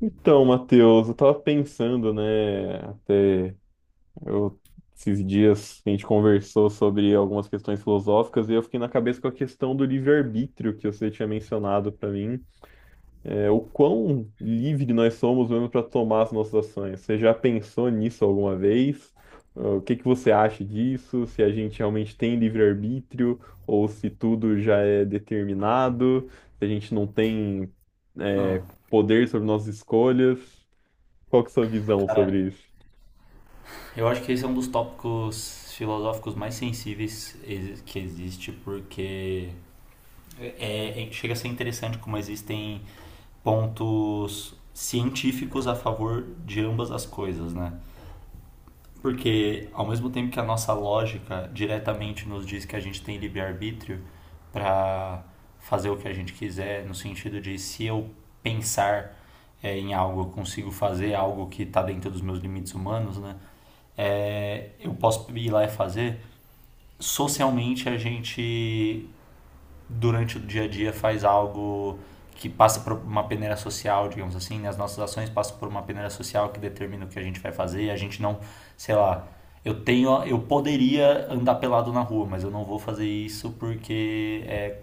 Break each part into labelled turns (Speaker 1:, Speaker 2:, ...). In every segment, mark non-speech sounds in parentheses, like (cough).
Speaker 1: Então, Matheus, eu tava pensando, né, eu, esses dias a gente conversou sobre algumas questões filosóficas e eu fiquei na cabeça com a questão do livre-arbítrio que você tinha mencionado pra mim. O quão livre nós somos mesmo para tomar as nossas ações. Você já pensou nisso alguma vez? O que que você acha disso? Se a gente realmente tem livre-arbítrio ou se tudo já é determinado, se a gente não tem,
Speaker 2: Não,
Speaker 1: poder sobre nossas escolhas? Qual que é a sua visão
Speaker 2: cara,
Speaker 1: sobre isso?
Speaker 2: eu acho que esse é um dos tópicos filosóficos mais sensíveis que existe, porque chega a ser interessante como existem pontos científicos a favor de ambas as coisas, né? Porque, ao mesmo tempo que a nossa lógica diretamente nos diz que a gente tem livre-arbítrio para fazer o que a gente quiser, no sentido de se eu pensar em algo, eu consigo fazer algo que está dentro dos meus limites humanos, né? É, eu posso ir lá e fazer. Socialmente, a gente durante o dia a dia faz algo que passa por uma peneira social, digamos assim, né? As nossas ações passam por uma peneira social que determina o que a gente vai fazer, e a gente não, sei lá, eu tenho, eu poderia andar pelado na rua, mas eu não vou fazer isso porque é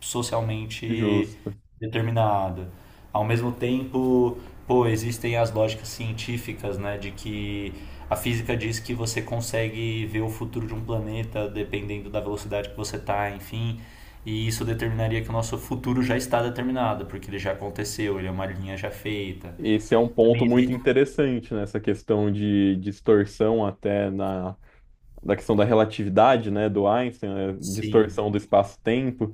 Speaker 2: socialmente
Speaker 1: Justo.
Speaker 2: determinada. Ao mesmo tempo, pô, existem as lógicas científicas, né, de que a física diz que você consegue ver o futuro de um planeta dependendo da velocidade que você está, enfim, e isso determinaria que o nosso futuro já está determinado, porque ele já aconteceu, ele é uma linha já feita.
Speaker 1: Esse é um ponto
Speaker 2: Também
Speaker 1: muito
Speaker 2: existe,
Speaker 1: interessante nessa questão de distorção da questão da relatividade, né, do Einstein, né,
Speaker 2: sim.
Speaker 1: distorção do espaço-tempo.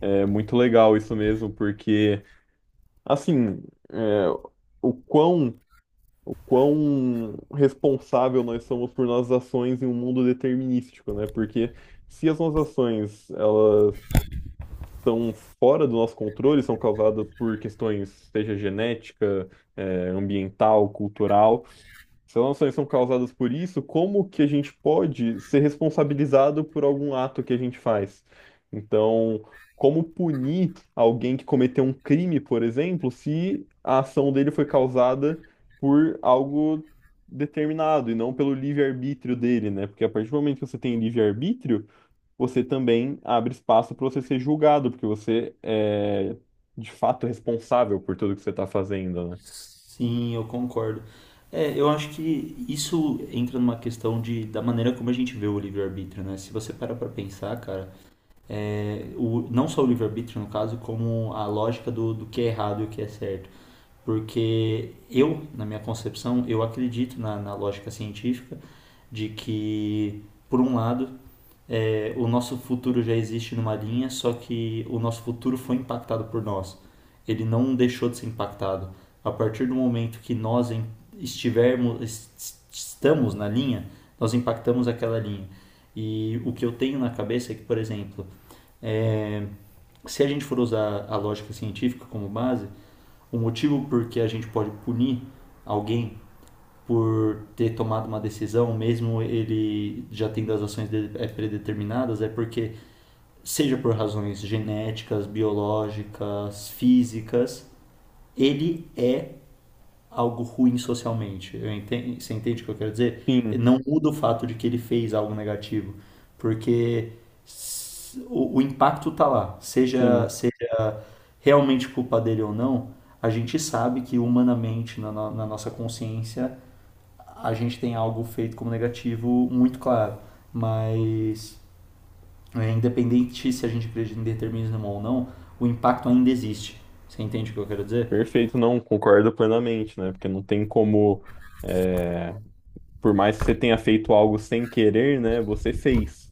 Speaker 1: É muito legal isso mesmo, porque, assim, é, o quão, o quão responsável nós somos por nossas ações em um mundo determinístico, né? Porque se as nossas ações, elas são fora do nosso controle, são causadas por questões, seja genética, ambiental, cultural. Se elas não são causadas por isso, como que a gente pode ser responsabilizado por algum ato que a gente faz? Então, como punir alguém que cometeu um crime, por exemplo, se a ação dele foi causada por algo determinado e não pelo livre-arbítrio dele, né? Porque a partir do momento que você tem livre-arbítrio, você também abre espaço para você ser julgado, porque você é de fato responsável por tudo que você está fazendo, né?
Speaker 2: Sim, eu concordo. É, eu acho que isso entra numa questão de, da maneira como a gente vê o livre-arbítrio, né? Se você parar pra pensar, cara, é, o, não só o livre-arbítrio, no caso, como a lógica do, do que é errado e o que é certo. Porque eu, na minha concepção, eu acredito na, na lógica científica de que, por um lado, é, o nosso futuro já existe numa linha, só que o nosso futuro foi impactado por nós. Ele não deixou de ser impactado. A partir do momento que nós estivermos, estamos na linha, nós impactamos aquela linha. E o que eu tenho na cabeça é que, por exemplo, é, se a gente for usar a lógica científica como base, o motivo por que a gente pode punir alguém por ter tomado uma decisão, mesmo ele já tendo as ações dele é, predeterminadas, é porque, seja por razões genéticas, biológicas, físicas, ele é algo ruim socialmente. Você entende o que eu quero dizer?
Speaker 1: Sim,
Speaker 2: Não muda o fato de que ele fez algo negativo, porque o impacto tá lá, seja,
Speaker 1: sim,
Speaker 2: seja realmente culpa dele ou não, a gente sabe que humanamente, na, na nossa consciência, a gente tem algo feito como negativo muito claro, mas é, independente se a gente acredita em determinismo ou não, o impacto ainda existe. Você entende o que eu quero dizer?
Speaker 1: perfeito, não, concordo plenamente, né? Porque não tem como. é, por mais que você tenha feito algo sem querer, né, você fez.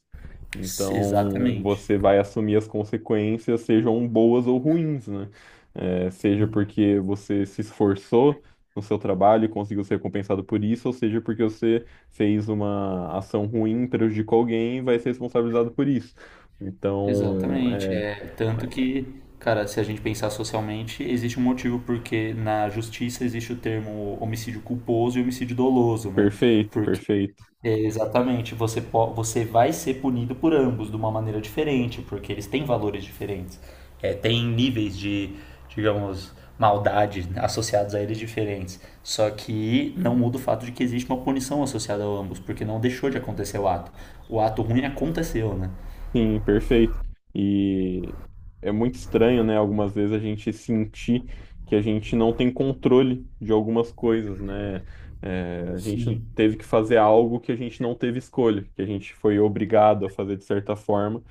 Speaker 1: Então,
Speaker 2: Exatamente.
Speaker 1: você vai assumir as consequências, sejam boas ou ruins, né? É, seja porque você se esforçou no seu trabalho e conseguiu ser recompensado por isso, ou seja porque você fez uma ação ruim, prejudicou alguém e vai ser responsabilizado por isso. Então,
Speaker 2: Exatamente,
Speaker 1: é,
Speaker 2: é tanto que, cara, se a gente pensar socialmente, existe um motivo porque na justiça existe o termo homicídio culposo e homicídio doloso, né?
Speaker 1: perfeito,
Speaker 2: Porque
Speaker 1: perfeito.
Speaker 2: é, exatamente, você vai ser punido por ambos de uma maneira diferente, porque eles têm valores diferentes. É, tem níveis de, digamos, maldade associados a eles diferentes. Só que não muda o fato de que existe uma punição associada a ambos, porque não deixou de acontecer o ato. O ato ruim aconteceu, né?
Speaker 1: Sim, perfeito. E é muito estranho, né? Algumas vezes a gente sentir que a gente não tem controle de algumas coisas, né? É, a gente
Speaker 2: Sim.
Speaker 1: teve que fazer algo que a gente não teve escolha, que a gente foi obrigado a fazer de certa forma,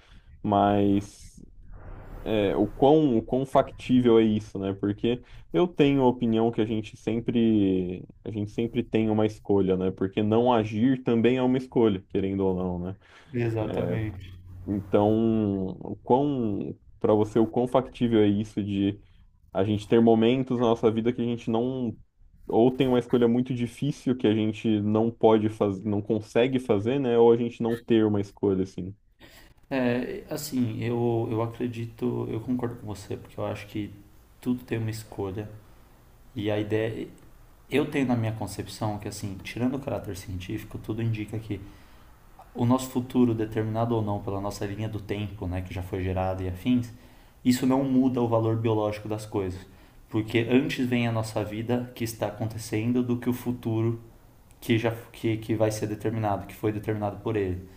Speaker 1: mas o quão factível é isso, né? Porque eu tenho a opinião que a gente sempre tem uma escolha, né? Porque não agir também é uma escolha, querendo ou não, né?
Speaker 2: Exatamente.
Speaker 1: Então, o quão, para você, o quão factível é isso de a gente ter momentos na nossa vida que a gente não, ou tem uma escolha muito difícil que a gente não pode fazer, não consegue fazer, né? Ou a gente não ter uma escolha, assim.
Speaker 2: É, assim, eu acredito, eu concordo com você, porque eu acho que tudo tem uma escolha. E a ideia. Eu tenho na minha concepção que, assim, tirando o caráter científico, tudo indica que o nosso futuro, determinado ou não pela nossa linha do tempo, né, que já foi gerada e afins, isso não muda o valor biológico das coisas. Porque antes vem a nossa vida que está acontecendo do que o futuro que que vai ser determinado, que foi determinado por ele.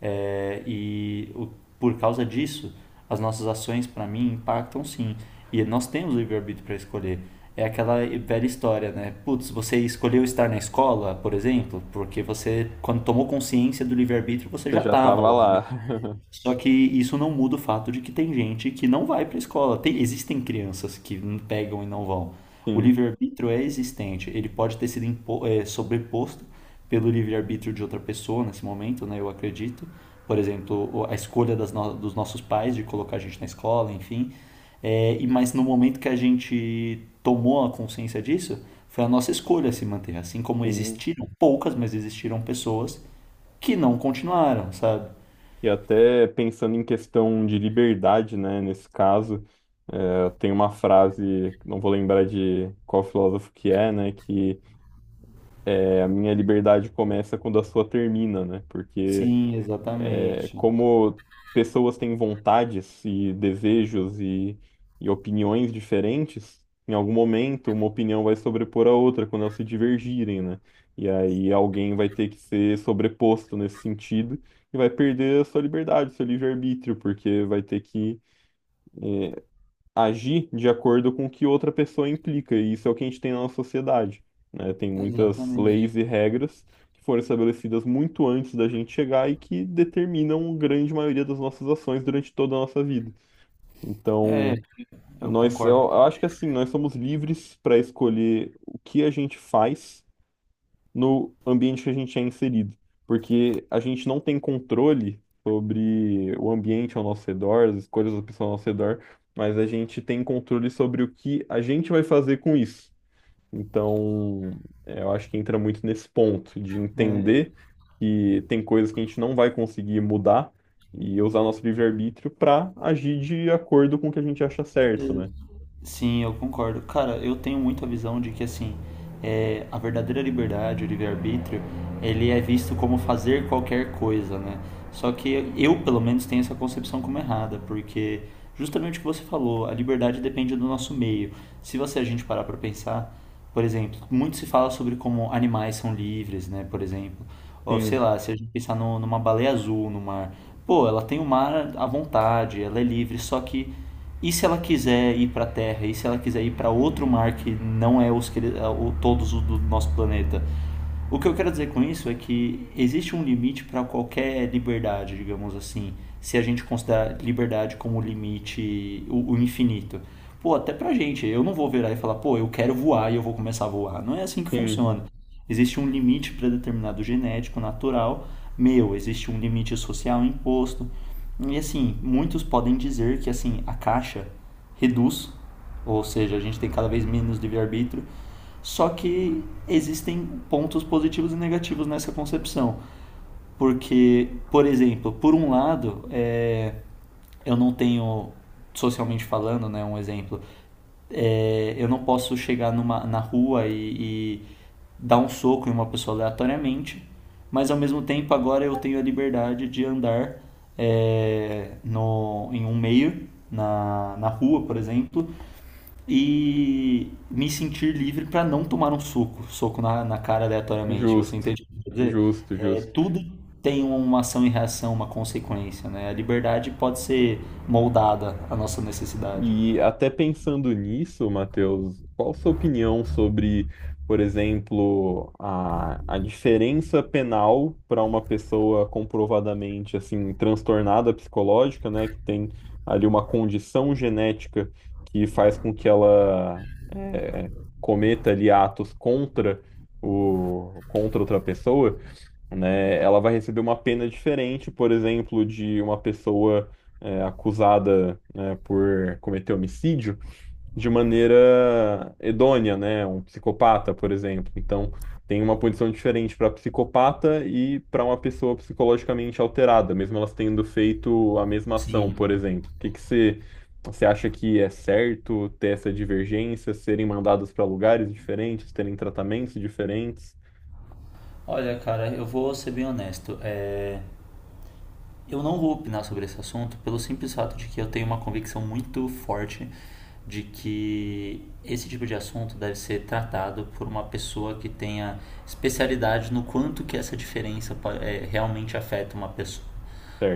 Speaker 2: É, por causa disso, as nossas ações, para mim, impactam sim. E nós temos livre-arbítrio para escolher. É aquela velha história, né? Putz, você escolheu estar na escola, por exemplo, porque você, quando tomou consciência do livre-arbítrio, você
Speaker 1: Você
Speaker 2: já
Speaker 1: já
Speaker 2: estava
Speaker 1: tava
Speaker 2: lá, né?
Speaker 1: lá. (laughs)
Speaker 2: Só que isso não muda o fato de que tem gente que não vai para a escola. Existem crianças que não pegam e não vão. O
Speaker 1: Sim,
Speaker 2: livre-arbítrio é existente. Ele pode ter sido sobreposto pelo livre-arbítrio de outra pessoa nesse momento, né? Eu acredito. Por exemplo, a escolha das no- dos nossos pais de colocar a gente na escola, enfim. É, e mas no momento que a gente tomou a consciência disso, foi a nossa escolha se manter. Assim como
Speaker 1: sim.
Speaker 2: existiram poucas, mas existiram pessoas que não continuaram, sabe?
Speaker 1: E até pensando em questão de liberdade, né? Nesse caso, tem uma frase, não vou lembrar de qual filósofo que é, né? A minha liberdade começa quando a sua termina, né? Porque
Speaker 2: Sim, exatamente.
Speaker 1: como pessoas têm vontades e desejos e opiniões diferentes, em algum momento uma opinião vai sobrepor a outra quando elas se divergirem, né? E aí alguém vai ter que ser sobreposto nesse sentido e vai perder a sua liberdade, seu livre-arbítrio, porque vai ter que agir de acordo com o que outra pessoa implica, e isso é o que a gente tem na nossa sociedade, né? Tem muitas
Speaker 2: Exatamente.
Speaker 1: leis e regras que foram estabelecidas muito antes da gente chegar e que determinam a grande maioria das nossas ações durante toda a nossa vida.
Speaker 2: É,
Speaker 1: Então,
Speaker 2: eu
Speaker 1: nós, eu
Speaker 2: concordo.
Speaker 1: eu acho que assim, nós somos livres para escolher o que a gente faz no ambiente que a gente é inserido, porque a gente não tem controle sobre o ambiente ao nosso redor, as escolhas das pessoas ao nosso redor, mas a gente tem controle sobre o que a gente vai fazer com isso. Então, eu acho que entra muito nesse ponto de entender que tem coisas que a gente não vai conseguir mudar e usar nosso livre-arbítrio para agir de acordo com o que a gente acha certo, né?
Speaker 2: Sim, eu concordo. Cara, eu tenho muito a visão de que assim, é, a verdadeira liberdade, o livre-arbítrio, ele é visto como fazer qualquer coisa, né? Só que eu, pelo menos, tenho essa concepção como errada, porque justamente o que você falou, a liberdade depende do nosso meio. Se você a gente parar para pensar, por exemplo, muito se fala sobre como animais são livres, né? Por exemplo, ou sei
Speaker 1: Sim,
Speaker 2: lá, se a gente pensar numa baleia azul no mar, pô, ela tem o mar à vontade, ela é livre, só que e se ela quiser ir para a Terra? E se ela quiser ir para outro mar que não é os que todos os do nosso planeta? O que eu quero dizer com isso é que existe um limite para qualquer liberdade, digamos assim, se a gente considerar liberdade como limite, o infinito. Pô, até pra gente, eu não vou virar e falar, pô, eu quero voar e eu vou começar a voar. Não é assim que
Speaker 1: sim,
Speaker 2: funciona. Existe um limite determinado genético, natural, meu, existe um limite social imposto. E assim, muitos podem dizer que assim, a caixa reduz, ou seja, a gente tem cada vez menos livre-arbítrio, só que existem pontos positivos e negativos nessa concepção. Porque, por exemplo, por um lado, é, eu não tenho, socialmente falando, né, um exemplo, é, eu não posso chegar numa, na rua e dar um soco em uma pessoa aleatoriamente, mas ao mesmo tempo agora eu tenho a liberdade de andar é, no, em um meio, na, na rua, por exemplo, e me sentir livre para não tomar um soco, soco na, na cara aleatoriamente. Você
Speaker 1: justo,
Speaker 2: entende o que eu quero dizer?
Speaker 1: justo,
Speaker 2: É,
Speaker 1: justo.
Speaker 2: tudo tem uma ação e reação, uma consequência, né? A liberdade pode ser moldada à nossa necessidade.
Speaker 1: E até pensando nisso, Matheus, qual a sua opinião sobre, por exemplo, a diferença penal para uma pessoa comprovadamente assim transtornada psicológica, né, que tem ali uma condição genética que faz com que ela cometa ali atos contra contra outra pessoa? Né, ela vai receber uma pena diferente, por exemplo, de uma pessoa acusada, né, por cometer homicídio de maneira hedônia, né, um psicopata, por exemplo. Então, tem uma punição diferente para psicopata e para uma pessoa psicologicamente alterada, mesmo elas tendo feito a mesma ação,
Speaker 2: Sim.
Speaker 1: por exemplo. O que que você Você acha que é certo ter essa divergência, serem mandadas para lugares diferentes, terem tratamentos diferentes?
Speaker 2: Olha, cara, eu vou ser bem honesto. Eu não vou opinar sobre esse assunto pelo simples fato de que eu tenho uma convicção muito forte de que esse tipo de assunto deve ser tratado por uma pessoa que tenha especialidade no quanto que essa diferença é, realmente afeta uma pessoa.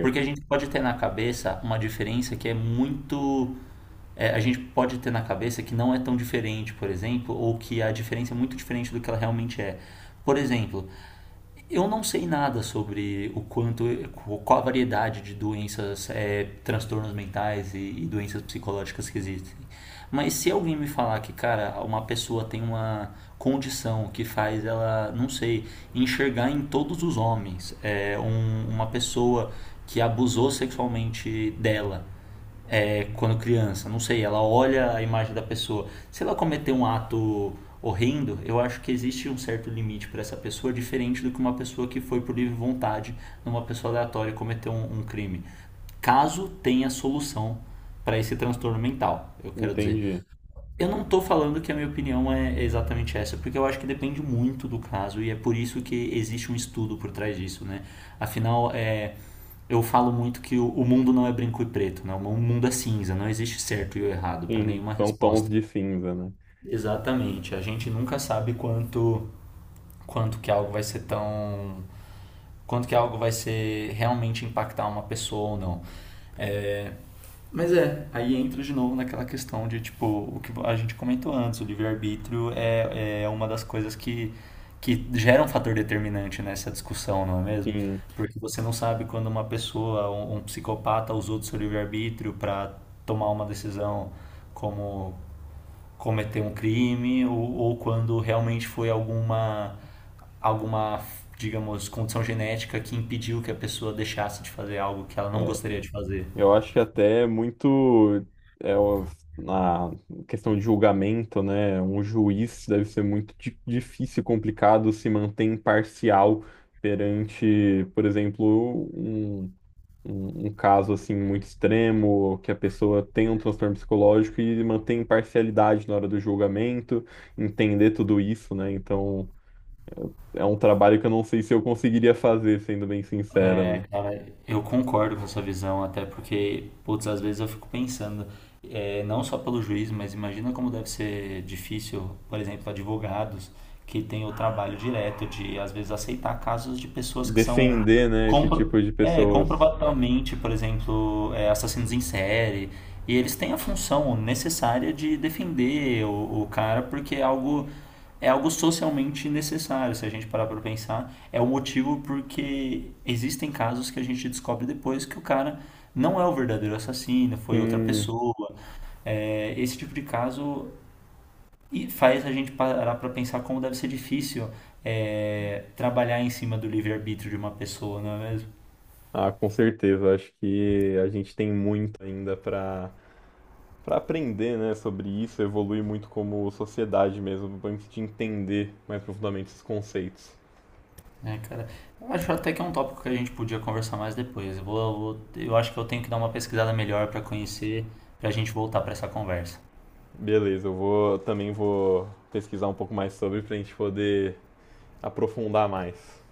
Speaker 2: Porque a gente pode ter na cabeça uma diferença que é muito. É, a gente pode ter na cabeça que não é tão diferente, por exemplo, ou que a diferença é muito diferente do que ela realmente é. Por exemplo, eu não sei nada sobre o quanto, qual a variedade de doenças, é, transtornos mentais e doenças psicológicas que existem. Mas se alguém me falar que, cara, uma pessoa tem uma condição que faz ela, não sei, enxergar em todos os homens, é, uma pessoa que abusou sexualmente dela, é, quando criança, não sei, ela olha a imagem da pessoa. Se ela cometer um ato horrendo, eu acho que existe um certo limite para essa pessoa, diferente do que uma pessoa que foi por livre vontade numa pessoa aleatória cometer um crime. Caso tenha solução para esse transtorno mental, eu quero dizer.
Speaker 1: entendi.
Speaker 2: Eu não estou falando que a minha opinião é exatamente essa, porque eu acho que depende muito do caso e é por isso que existe um estudo por trás disso, né? Afinal, é, eu falo muito que o mundo não é branco e preto, né? O mundo é cinza, não existe certo e o errado para
Speaker 1: Sim,
Speaker 2: nenhuma
Speaker 1: são tons
Speaker 2: resposta.
Speaker 1: de cinza, né?
Speaker 2: Exatamente. A gente nunca sabe quanto quanto que algo vai ser tão, quanto que algo vai ser realmente impactar uma pessoa ou não. Mas é, aí entra de novo naquela questão de, tipo, o que a gente comentou antes, o livre-arbítrio é uma das coisas que gera um fator determinante nessa discussão, não é mesmo?
Speaker 1: Sim,
Speaker 2: Porque você não sabe quando uma pessoa, um psicopata, usou do seu livre-arbítrio para tomar uma decisão como cometer um crime ou quando realmente foi alguma, alguma, digamos, condição genética que impediu que a pessoa deixasse de fazer algo que ela não
Speaker 1: é,
Speaker 2: gostaria de fazer.
Speaker 1: eu acho que até é muito é, o- na questão de julgamento, né? Um juiz deve ser muito difícil e complicado se manter imparcial perante, por exemplo, um caso assim muito extremo, que a pessoa tem um transtorno psicológico e manter imparcialidade na hora do julgamento, entender tudo isso, né? Então, é um trabalho que eu não sei se eu conseguiria fazer, sendo bem sincera,
Speaker 2: É,
Speaker 1: né?
Speaker 2: cara, eu concordo com essa visão, até porque, putz, às vezes eu fico pensando, é, não só pelo juiz, mas imagina como deve ser difícil, por exemplo, advogados que têm o trabalho direto de, às vezes, aceitar casos de pessoas que são
Speaker 1: Defender, né, esse
Speaker 2: compro,
Speaker 1: tipo de pessoas.
Speaker 2: comprovadamente, por exemplo, é, assassinos em série, e eles têm a função necessária de defender o cara porque é algo socialmente necessário, se a gente parar para pensar. É o motivo porque existem casos que a gente descobre depois que o cara não é o verdadeiro assassino, foi outra
Speaker 1: Sim,
Speaker 2: pessoa. É, esse tipo de caso e faz a gente parar para pensar como deve ser difícil é, trabalhar em cima do livre-arbítrio de uma pessoa, não é mesmo?
Speaker 1: ah, com certeza. Acho que a gente tem muito ainda para aprender, né, sobre isso, evoluir muito como sociedade mesmo, para a gente entender mais profundamente esses conceitos.
Speaker 2: É, cara, eu acho até que é um tópico que a gente podia conversar mais depois. Eu acho que eu tenho que dar uma pesquisada melhor para conhecer, para a gente voltar para essa conversa.
Speaker 1: Beleza, eu vou também vou pesquisar um pouco mais sobre para a gente poder aprofundar mais.